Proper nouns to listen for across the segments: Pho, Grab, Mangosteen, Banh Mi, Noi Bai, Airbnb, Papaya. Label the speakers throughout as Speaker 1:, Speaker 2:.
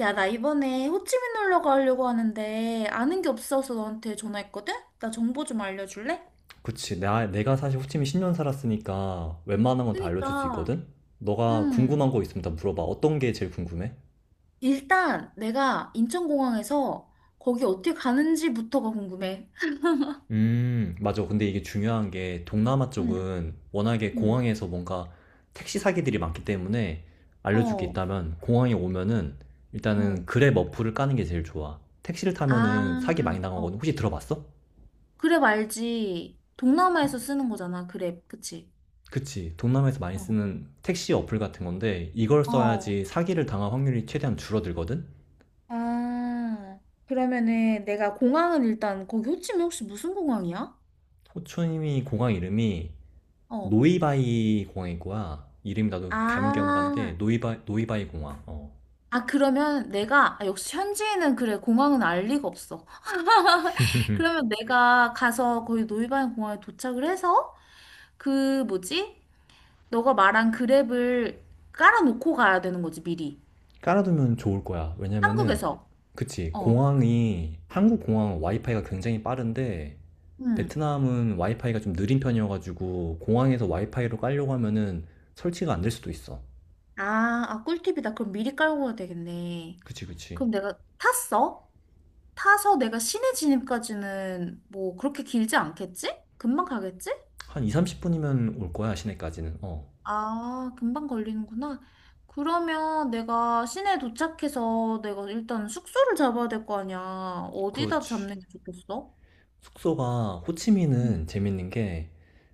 Speaker 1: 야, 나 이번에 호치민 놀러 가려고 하는데 아는 게 없어서 너한테 전화했거든? 나 정보 좀 알려줄래?
Speaker 2: 그치. 내가 사실 호치민 10년 살았으니까 웬만한 건 다 알려줄 수
Speaker 1: 그니까,
Speaker 2: 있거든? 너가
Speaker 1: 음,
Speaker 2: 궁금한 거 있으면 다 물어봐. 어떤 게 제일 궁금해?
Speaker 1: 일단 내가 인천공항에서 거기 어떻게 가는지부터가 궁금해.
Speaker 2: 맞아. 근데 이게 중요한 게 동남아
Speaker 1: 응,
Speaker 2: 쪽은 워낙에
Speaker 1: 응,
Speaker 2: 공항에서 뭔가 택시 사기들이 많기 때문에 알려줄 게
Speaker 1: 어,
Speaker 2: 있다면 공항에 오면은
Speaker 1: 어.
Speaker 2: 일단은 그랩 어플을 까는 게 제일 좋아. 택시를 타면은 사기
Speaker 1: 아,
Speaker 2: 많이
Speaker 1: 어.
Speaker 2: 당하거든. 혹시 들어봤어?
Speaker 1: 그랩 알지? 동남아에서 쓰는 거잖아, 그랩. 그치?
Speaker 2: 그치. 동남아에서 많이
Speaker 1: 어,
Speaker 2: 쓰는 택시 어플 같은 건데 이걸
Speaker 1: 어.
Speaker 2: 써야지 사기를 당할 확률이 최대한 줄어들거든?
Speaker 1: 아, 그러면은 내가 공항은 일단 거기 호치민 혹시 무슨 공항이야?
Speaker 2: 호초이미 공항 이름이
Speaker 1: 어.
Speaker 2: 노이바이 공항인 거야. 이름이 나도 가물가물한데
Speaker 1: 아,
Speaker 2: 노이바이 공항. 어.
Speaker 1: 아, 그러면 내가, 아, 역시 현지인은 그래, 공항은 알 리가 없어. 그러면 내가 가서 거기 노이반 공항에 도착을 해서 그 뭐지? 너가 말한 그랩을 깔아놓고 가야 되는 거지, 미리.
Speaker 2: 깔아두면 좋을 거야. 왜냐면은
Speaker 1: 한국에서.
Speaker 2: 그치
Speaker 1: 어.
Speaker 2: 공항이 한국 공항 와이파이가 굉장히 빠른데
Speaker 1: 응.
Speaker 2: 베트남은 와이파이가 좀 느린 편이어가지고 공항에서 와이파이로 깔려고 하면은 설치가 안 될 수도 있어.
Speaker 1: 아, 아, 꿀팁이다. 그럼 미리 깔고 가야 되겠네.
Speaker 2: 그치, 그치.
Speaker 1: 그럼 내가 탔어? 타서 내가 시내 진입까지는 뭐 그렇게 길지 않겠지? 금방 가겠지?
Speaker 2: 한 2, 30분이면 올 거야 시내까지는. 어.
Speaker 1: 아, 금방 걸리는구나. 그러면 내가 시내 도착해서 내가 일단 숙소를 잡아야 될 거 아니야. 어디다
Speaker 2: 그렇지.
Speaker 1: 잡는 게 좋겠어?
Speaker 2: 숙소가 호치민은
Speaker 1: 응,
Speaker 2: 재밌는 게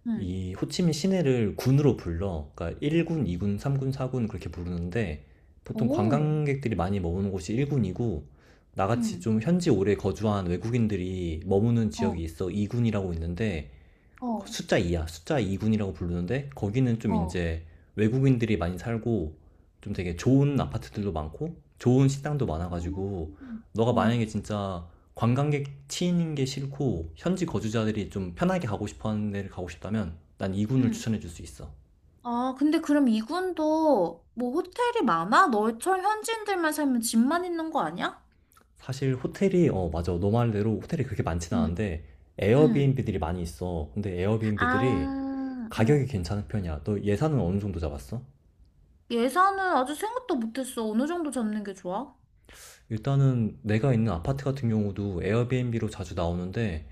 Speaker 1: 응.
Speaker 2: 이 호치민 시내를 군으로 불러. 그러니까 1군, 2군, 3군, 4군 그렇게 부르는데 보통
Speaker 1: 오,
Speaker 2: 관광객들이 많이 머무는 곳이 1군이고 나같이
Speaker 1: 응,
Speaker 2: 좀 현지 오래 거주한 외국인들이 머무는
Speaker 1: 어,
Speaker 2: 지역이 있어 2군이라고 있는데
Speaker 1: 어,
Speaker 2: 숫자 2야. 숫자 2군이라고 부르는데 거기는 좀
Speaker 1: 어.
Speaker 2: 이제 외국인들이 많이 살고 좀 되게 좋은 아파트들도 많고 좋은 식당도 많아가지고
Speaker 1: 음.
Speaker 2: 너가
Speaker 1: 어.
Speaker 2: 만약에 진짜 관광객 치이는 게 싫고 현지 거주자들이 좀 편하게 가고 싶어 하는 데를 가고 싶다면 난 2군을
Speaker 1: 응.
Speaker 2: 추천해 줄 수 있어.
Speaker 1: 아, 근데 그럼 이군도 뭐 호텔이 많아? 너처럼 현지인들만 살면 집만 있는 거 아니야?
Speaker 2: 사실 호텔이 어 맞아. 너 말대로 호텔이 그렇게 많진
Speaker 1: 응.
Speaker 2: 않은데
Speaker 1: 응.
Speaker 2: 에어비앤비들이 많이 있어. 근데 에어비앤비들이
Speaker 1: 아,
Speaker 2: 가격이
Speaker 1: 어.
Speaker 2: 괜찮은 편이야. 너 예산은 어느 정도 잡았어?
Speaker 1: 예산은 아직 생각도 못했어. 어느 정도 잡는 게 좋아?
Speaker 2: 일단은 내가 있는 아파트 같은 경우도 에어비앤비로 자주 나오는데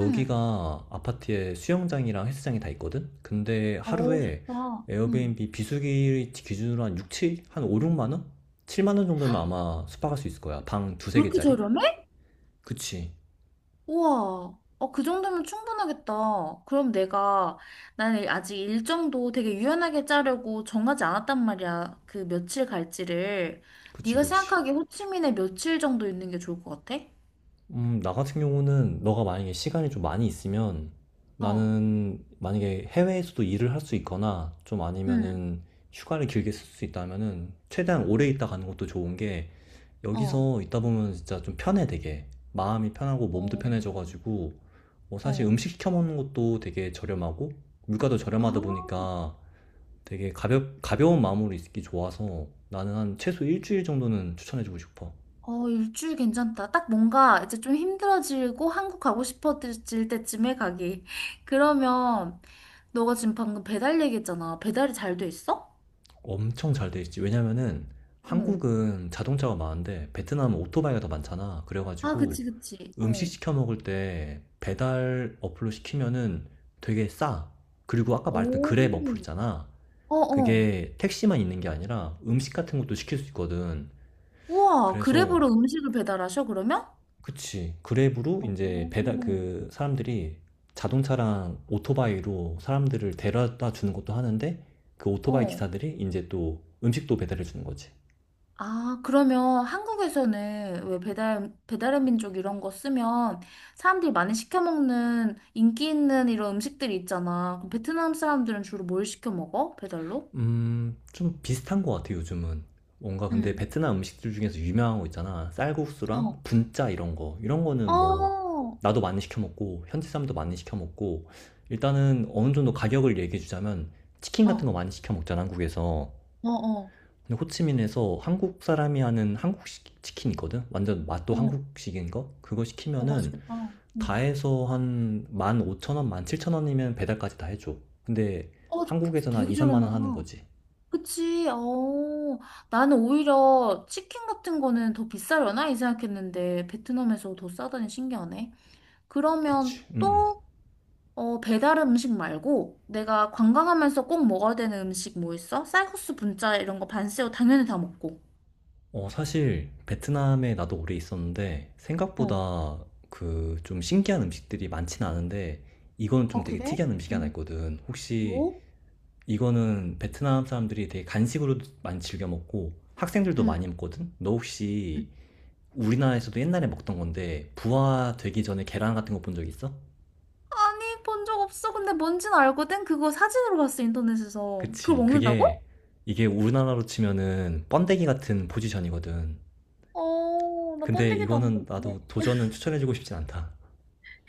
Speaker 1: 응.
Speaker 2: 아파트에 수영장이랑 헬스장이 다 있거든? 근데
Speaker 1: 오,
Speaker 2: 하루에
Speaker 1: 좋다. 응.
Speaker 2: 에어비앤비 비수기 기준으로 한 6, 7? 한 5, 6만 원? 7만 원 정도면 아마 숙박할 수 있을 거야. 방 두세
Speaker 1: 그렇게
Speaker 2: 개짜리?
Speaker 1: 저렴해?
Speaker 2: 그치.
Speaker 1: 우와. 어, 그 정도면 충분하겠다. 나는 아직 일정도 되게 유연하게 짜려고 정하지 않았단 말이야. 그 며칠 갈지를.
Speaker 2: 그치,
Speaker 1: 네가
Speaker 2: 그치.
Speaker 1: 생각하기에 호치민에 며칠 정도 있는 게 좋을 것 같아?
Speaker 2: 나 같은 경우는 너가 만약에 시간이 좀 많이 있으면
Speaker 1: 어.
Speaker 2: 나는 만약에 해외에서도 일을 할 수 있거나 좀
Speaker 1: 응.
Speaker 2: 아니면은 휴가를 길게 쓸 수 있다면은 최대한 오래 있다 가는 것도 좋은 게
Speaker 1: 어.
Speaker 2: 여기서 있다 보면 진짜 좀 편해 되게 마음이 편하고 몸도
Speaker 1: 어.
Speaker 2: 편해져가지고 뭐 사실
Speaker 1: 어.
Speaker 2: 음식 시켜 먹는 것도 되게 저렴하고 물가도
Speaker 1: 아.
Speaker 2: 저렴하다 보니까 되게 가벼운 마음으로 있기 좋아서 나는 한 최소 일주일 정도는 추천해주고 싶어.
Speaker 1: 어, 일주일 괜찮다. 딱 뭔가 이제 좀 힘들어지고 한국 가고 싶어질 때쯤에 가기. 그러면 너가 지금 방금 배달 얘기했잖아. 배달이 잘 돼 있어?
Speaker 2: 엄청 잘 돼 있지. 왜냐면은
Speaker 1: 어.
Speaker 2: 한국은 자동차가 많은데 베트남은 오토바이가 더 많잖아.
Speaker 1: 아,
Speaker 2: 그래가지고
Speaker 1: 그치, 그치.
Speaker 2: 음식
Speaker 1: 어.
Speaker 2: 시켜 먹을 때 배달 어플로 시키면은 되게 싸. 그리고 아까 말했던
Speaker 1: 오.
Speaker 2: 그랩 어플 있잖아.
Speaker 1: 어, 어.
Speaker 2: 그게 택시만 있는 게 아니라 음식 같은 것도 시킬 수 있거든.
Speaker 1: 우와,
Speaker 2: 그래서
Speaker 1: 그랩으로 음식을 배달하셔, 그러면?
Speaker 2: 그치. 그랩으로 이제 배달
Speaker 1: 어.
Speaker 2: 그 사람들이 자동차랑 오토바이로 사람들을 데려다 주는 것도 하는데 그 오토바이
Speaker 1: 어.
Speaker 2: 기사들이 이제 또 음식도 배달해 주는 거지.
Speaker 1: 아, 그러면 한국에서는 왜 배달, 배달의 민족 이런 거 쓰면 사람들이 많이 시켜 먹는 인기 있는 이런 음식들이 있잖아. 그럼 베트남 사람들은 주로 뭘 시켜 먹어? 배달로?
Speaker 2: 좀 비슷한 것 같아요 요즘은. 뭔가 근데
Speaker 1: 응.
Speaker 2: 베트남 음식들 중에서 유명한 거 있잖아. 쌀국수랑
Speaker 1: 어.
Speaker 2: 분짜 이런 거. 이런
Speaker 1: 어.
Speaker 2: 거는 뭐
Speaker 1: 어.
Speaker 2: 나도 많이 시켜 먹고 현지 사람도 많이 시켜 먹고 일단은 어느 정도 가격을 얘기해 주자면 치킨 같은 거 많이 시켜 먹잖아 한국에서.
Speaker 1: 어. 어.
Speaker 2: 근데 호치민에서 한국 사람이 하는 한국식 치킨 있거든? 완전 맛도
Speaker 1: 어.
Speaker 2: 한국식인 거? 그거
Speaker 1: 어,
Speaker 2: 시키면은
Speaker 1: 맛있겠다.
Speaker 2: 다
Speaker 1: 응.
Speaker 2: 해서 한 15,000원, 17,000원이면 배달까지 다 해줘. 근데
Speaker 1: 어,
Speaker 2: 한국에서는 한
Speaker 1: 되게
Speaker 2: 2, 3만 원
Speaker 1: 저렴하다.
Speaker 2: 하는 거지.
Speaker 1: 그치. 어. 나는 오히려 치킨 같은 거는 더 비싸려나? 이 생각했는데 베트남에서 더 싸다니 신기하네. 그러면
Speaker 2: 그치. 음.
Speaker 1: 또 어, 배달 음식 말고 내가 관광하면서 꼭 먹어야 되는 음식 뭐 있어? 쌀국수, 분짜 이런 거 반쎄오 당연히 다 먹고.
Speaker 2: 어, 사실 베트남에 나도 오래 있었는데
Speaker 1: 어.
Speaker 2: 생각보다 그 좀 신기한 음식들이 많진 않은데 이건
Speaker 1: 아,
Speaker 2: 좀 되게
Speaker 1: 그래?
Speaker 2: 특이한 음식이 하나
Speaker 1: 응
Speaker 2: 있거든. 혹시
Speaker 1: 뭐?
Speaker 2: 이거는 베트남 사람들이 되게 간식으로도 많이 즐겨 먹고 학생들도
Speaker 1: 응.
Speaker 2: 많이 먹거든. 너
Speaker 1: 응.
Speaker 2: 혹시 우리나라에서도 옛날에 먹던 건데 부화 되기 전에 계란 같은 거 본 적 있어?
Speaker 1: 아니, 본 적 없어. 근데 뭔진 알거든? 그거 사진으로 봤어, 인터넷에서. 그걸
Speaker 2: 그치.
Speaker 1: 먹는다고?
Speaker 2: 그게 이게 우리나라로 치면은 번데기 같은 포지션이거든.
Speaker 1: 어, 나
Speaker 2: 근데
Speaker 1: 번데기도 안
Speaker 2: 이거는
Speaker 1: 먹는데.
Speaker 2: 나도 도전은 추천해주고 싶진 않다.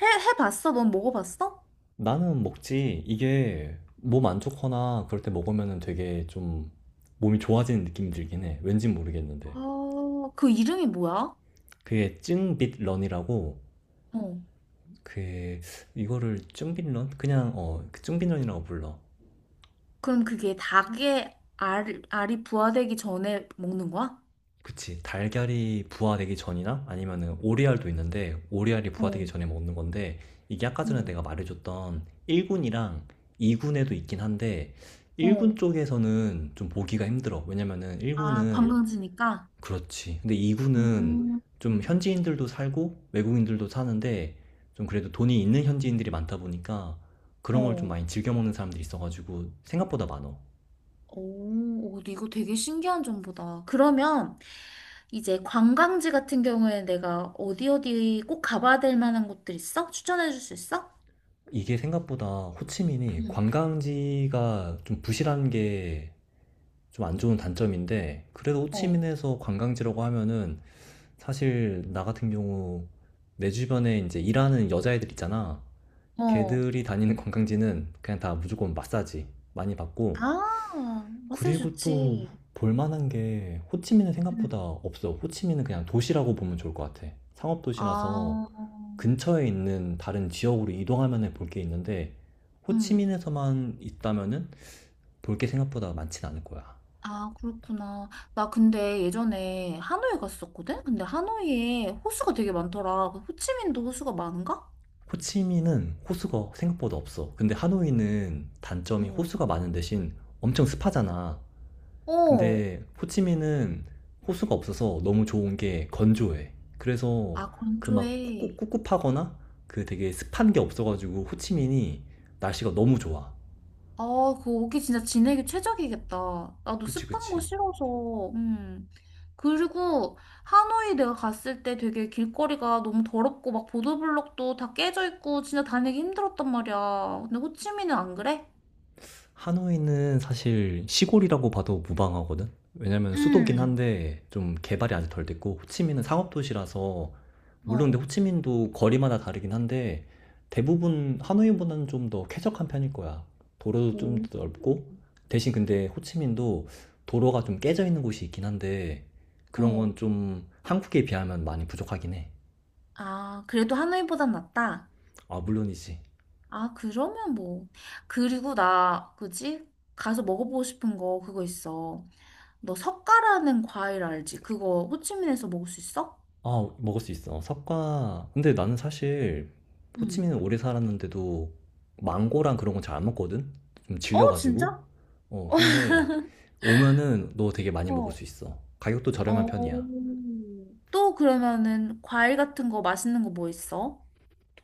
Speaker 1: 해봤어? 넌 먹어봤어?
Speaker 2: 나는 먹지. 이게 몸 안 좋거나 그럴 때 먹으면 되게 좀 몸이 좋아지는 느낌이 들긴 해. 왠진 모르겠는데.
Speaker 1: 아, 그 이름이 뭐야?
Speaker 2: 그게 쭝빗런이라고
Speaker 1: 어.
Speaker 2: 그 이거를 쭝빗런? 그냥 어 쭝빗런이라고 불러.
Speaker 1: 그럼 그게 닭의 알이 부화되기 전에 먹는 거야?
Speaker 2: 그치. 달걀이 부화되기 전이나 아니면은 오리알도 있는데 오리알이 부화되기
Speaker 1: 어.
Speaker 2: 전에 먹는 건데 이게 아까 전에 내가
Speaker 1: 응.
Speaker 2: 말해줬던 1군이랑 2군에도 있긴 한데 1군
Speaker 1: 어.
Speaker 2: 쪽에서는 좀 보기가 힘들어. 왜냐면은
Speaker 1: 아,
Speaker 2: 1군은
Speaker 1: 관광지니까?
Speaker 2: 그렇지. 근데 이구는
Speaker 1: 음,
Speaker 2: 좀
Speaker 1: 음.
Speaker 2: 현지인들도 살고 외국인들도 사는데 좀 그래도 돈이 있는 현지인들이 많다 보니까 그런 걸 좀
Speaker 1: 어,
Speaker 2: 많이 즐겨 먹는 사람들이 있어가지고 생각보다 많어.
Speaker 1: 오, 오, 이거 되게 신기한 정보다. 그러면 이제 관광지 같은 경우에 내가 어디 어디 꼭 가봐야 될 만한 곳들 있어? 추천해 줄 수 있어?
Speaker 2: 이게 생각보다 호치민이
Speaker 1: 응.
Speaker 2: 관광지가 좀 부실한 게 좀 안 좋은 단점인데 그래도
Speaker 1: 어,
Speaker 2: 호치민에서 관광지라고 하면은 사실 나 같은 경우 내 주변에 이제 일하는 여자애들 있잖아.
Speaker 1: 어.
Speaker 2: 걔들이 다니는 관광지는 그냥 다 무조건 마사지 많이 받고
Speaker 1: 아, 마사지
Speaker 2: 그리고 또
Speaker 1: 좋지.
Speaker 2: 볼만한 게 호치민은
Speaker 1: 응.
Speaker 2: 생각보다 없어. 호치민은 그냥 도시라고 보면 좋을 것 같아. 상업도시라서
Speaker 1: 아,
Speaker 2: 근처에 있는 다른 지역으로 이동하면 볼 게 있는데
Speaker 1: 응.
Speaker 2: 호치민에서만 있다면은 볼 게 생각보다 많진 않을 거야.
Speaker 1: 아, 그렇구나. 나 근데 예전에 하노이 갔었거든? 근데 하노이에 호수가 되게 많더라. 그 호치민도 호수가 많은가?
Speaker 2: 호치민은 호수가 생각보다 없어. 근데 하노이는 단점이
Speaker 1: 응.
Speaker 2: 호수가 많은 대신 엄청 습하잖아.
Speaker 1: 어.
Speaker 2: 근데 호치민은 호수가 없어서 너무 좋은 게 건조해. 그래서
Speaker 1: 아,
Speaker 2: 그 막
Speaker 1: 건조해.
Speaker 2: 꿉꿉하거나 그 되게 습한 게 없어가지고 호치민이 날씨가 너무 좋아.
Speaker 1: 아, 그 오기 진짜 지내기 최적이겠다. 나도
Speaker 2: 그치,
Speaker 1: 습한 거
Speaker 2: 그치.
Speaker 1: 싫어서. 음. 그리고 하노이 내가 갔을 때 되게 길거리가 너무 더럽고 막 보도블록도 다 깨져 있고 진짜 다니기 힘들었단 말이야. 근데 호치민은 안 그래?
Speaker 2: 하노이는 사실 시골이라고 봐도 무방하거든? 왜냐면 수도긴
Speaker 1: 음.
Speaker 2: 한데 좀 개발이 아직 덜 됐고 호치민은 상업도시라서 물론
Speaker 1: 어.
Speaker 2: 근데 호치민도 거리마다 다르긴 한데 대부분 하노이보다는 좀 더 쾌적한 편일 거야. 도로도 좀
Speaker 1: 오.
Speaker 2: 더 넓고 대신 근데 호치민도 도로가 좀 깨져 있는 곳이 있긴 한데 그런
Speaker 1: 어.
Speaker 2: 건 좀 한국에 비하면 많이 부족하긴 해.
Speaker 1: 아, 그래도 하노이보단 낫다.
Speaker 2: 아, 물론이지.
Speaker 1: 아, 그러면 뭐. 그리고 나, 그지? 가서 먹어보고 싶은 거 그거 있어. 너 석가라는 과일 알지? 그거 호치민에서 먹을 수 있어?
Speaker 2: 아, 먹을 수 있어. 석과. 근데 나는 사실
Speaker 1: 응.
Speaker 2: 호치민은 오래 살았는데도 망고랑 그런 건 잘 안 먹거든? 좀
Speaker 1: 어,
Speaker 2: 질려가지고.
Speaker 1: 진짜?
Speaker 2: 어, 근데 오면은 너 되게 많이 먹을 수
Speaker 1: 어.
Speaker 2: 있어. 가격도 저렴한
Speaker 1: 어.
Speaker 2: 편이야.
Speaker 1: 또 그러면은 과일 같은 거 맛있는 거 뭐 있어?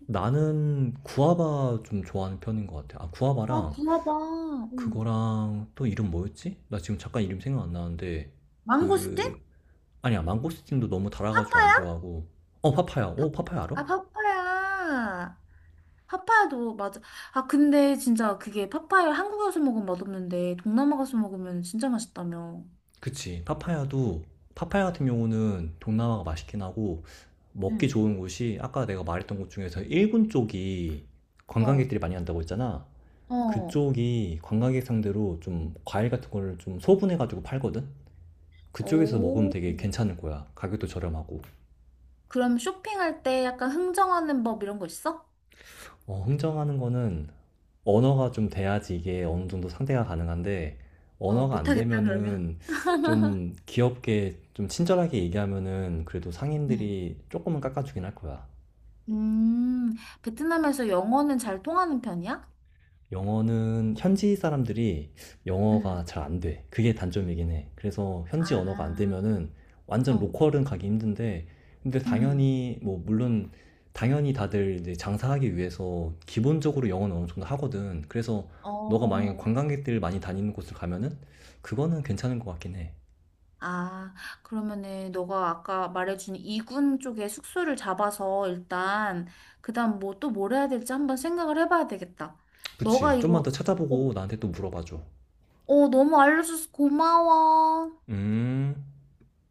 Speaker 2: 나는 구아바 좀 좋아하는 편인 것 같아. 아,
Speaker 1: 아,
Speaker 2: 구아바랑
Speaker 1: 구워봐. 응.
Speaker 2: 그거랑 또 이름 뭐였지? 나 지금 잠깐 이름 생각 안 나는데
Speaker 1: 망고스틴?
Speaker 2: 그 아니야 망고스틴도 너무 달아가지고 안
Speaker 1: 파파야?
Speaker 2: 좋아하고 어 파파야.
Speaker 1: 파-
Speaker 2: 어 파파야 알아?
Speaker 1: 아, 파파야. 파파야도 맞아. 아, 근데 진짜 그게 파파야 한국에 와서 먹으면 맛없는데 동남아 가서 먹으면 진짜 맛있다며.
Speaker 2: 그치. 파파야도, 파파야 같은 경우는 동남아가 맛있긴 하고, 먹기
Speaker 1: 응.
Speaker 2: 좋은 곳이, 아까 내가 말했던 곳 중에서 일본 쪽이
Speaker 1: 어.
Speaker 2: 관광객들이 많이 간다고 했잖아.
Speaker 1: 어.
Speaker 2: 그쪽이 관광객 상대로 좀 과일 같은 거를 좀 소분해가지고 팔거든? 그쪽에서 먹으면
Speaker 1: 오.
Speaker 2: 되게 괜찮을 거야. 가격도 저렴하고.
Speaker 1: 그럼 쇼핑할 때 약간 흥정하는 법 이런 거 있어?
Speaker 2: 어, 흥정하는 거는 언어가 좀 돼야지 이게 어느 정도 상대가 가능한데
Speaker 1: 어,
Speaker 2: 언어가 안
Speaker 1: 못하겠다, 그러면.
Speaker 2: 되면은 좀 귀엽게 좀 친절하게 얘기하면은 그래도
Speaker 1: 응,
Speaker 2: 상인들이 조금은 깎아주긴 할 거야.
Speaker 1: 음, 베트남에서 영어는 잘 통하는 편이야?
Speaker 2: 영어는 현지 사람들이 영어가
Speaker 1: 응.
Speaker 2: 잘 안 돼. 그게 단점이긴 해. 그래서 현지 언어가 안
Speaker 1: 아,
Speaker 2: 되면은 완전
Speaker 1: 어,
Speaker 2: 로컬은 가기 힘든데, 근데
Speaker 1: 음,
Speaker 2: 당연히, 뭐, 물론, 당연히 다들 이제 장사하기 위해서 기본적으로 영어는 어느 정도 하거든. 그래서 너가 만약에
Speaker 1: 어.
Speaker 2: 관광객들 많이 다니는 곳을 가면은 그거는 괜찮은 것 같긴 해.
Speaker 1: 아, 그러면은 너가 아까 말해준 이군 쪽에 숙소를 잡아서 일단 그다음 뭐 또 뭘 해야 될지 한번 생각을 해봐야 되겠다. 너가
Speaker 2: 그치. 좀만
Speaker 1: 이거
Speaker 2: 더
Speaker 1: 어,
Speaker 2: 찾아보고 나한테 또 물어봐줘.
Speaker 1: 너무 알려줘서 고마워.
Speaker 2: 음.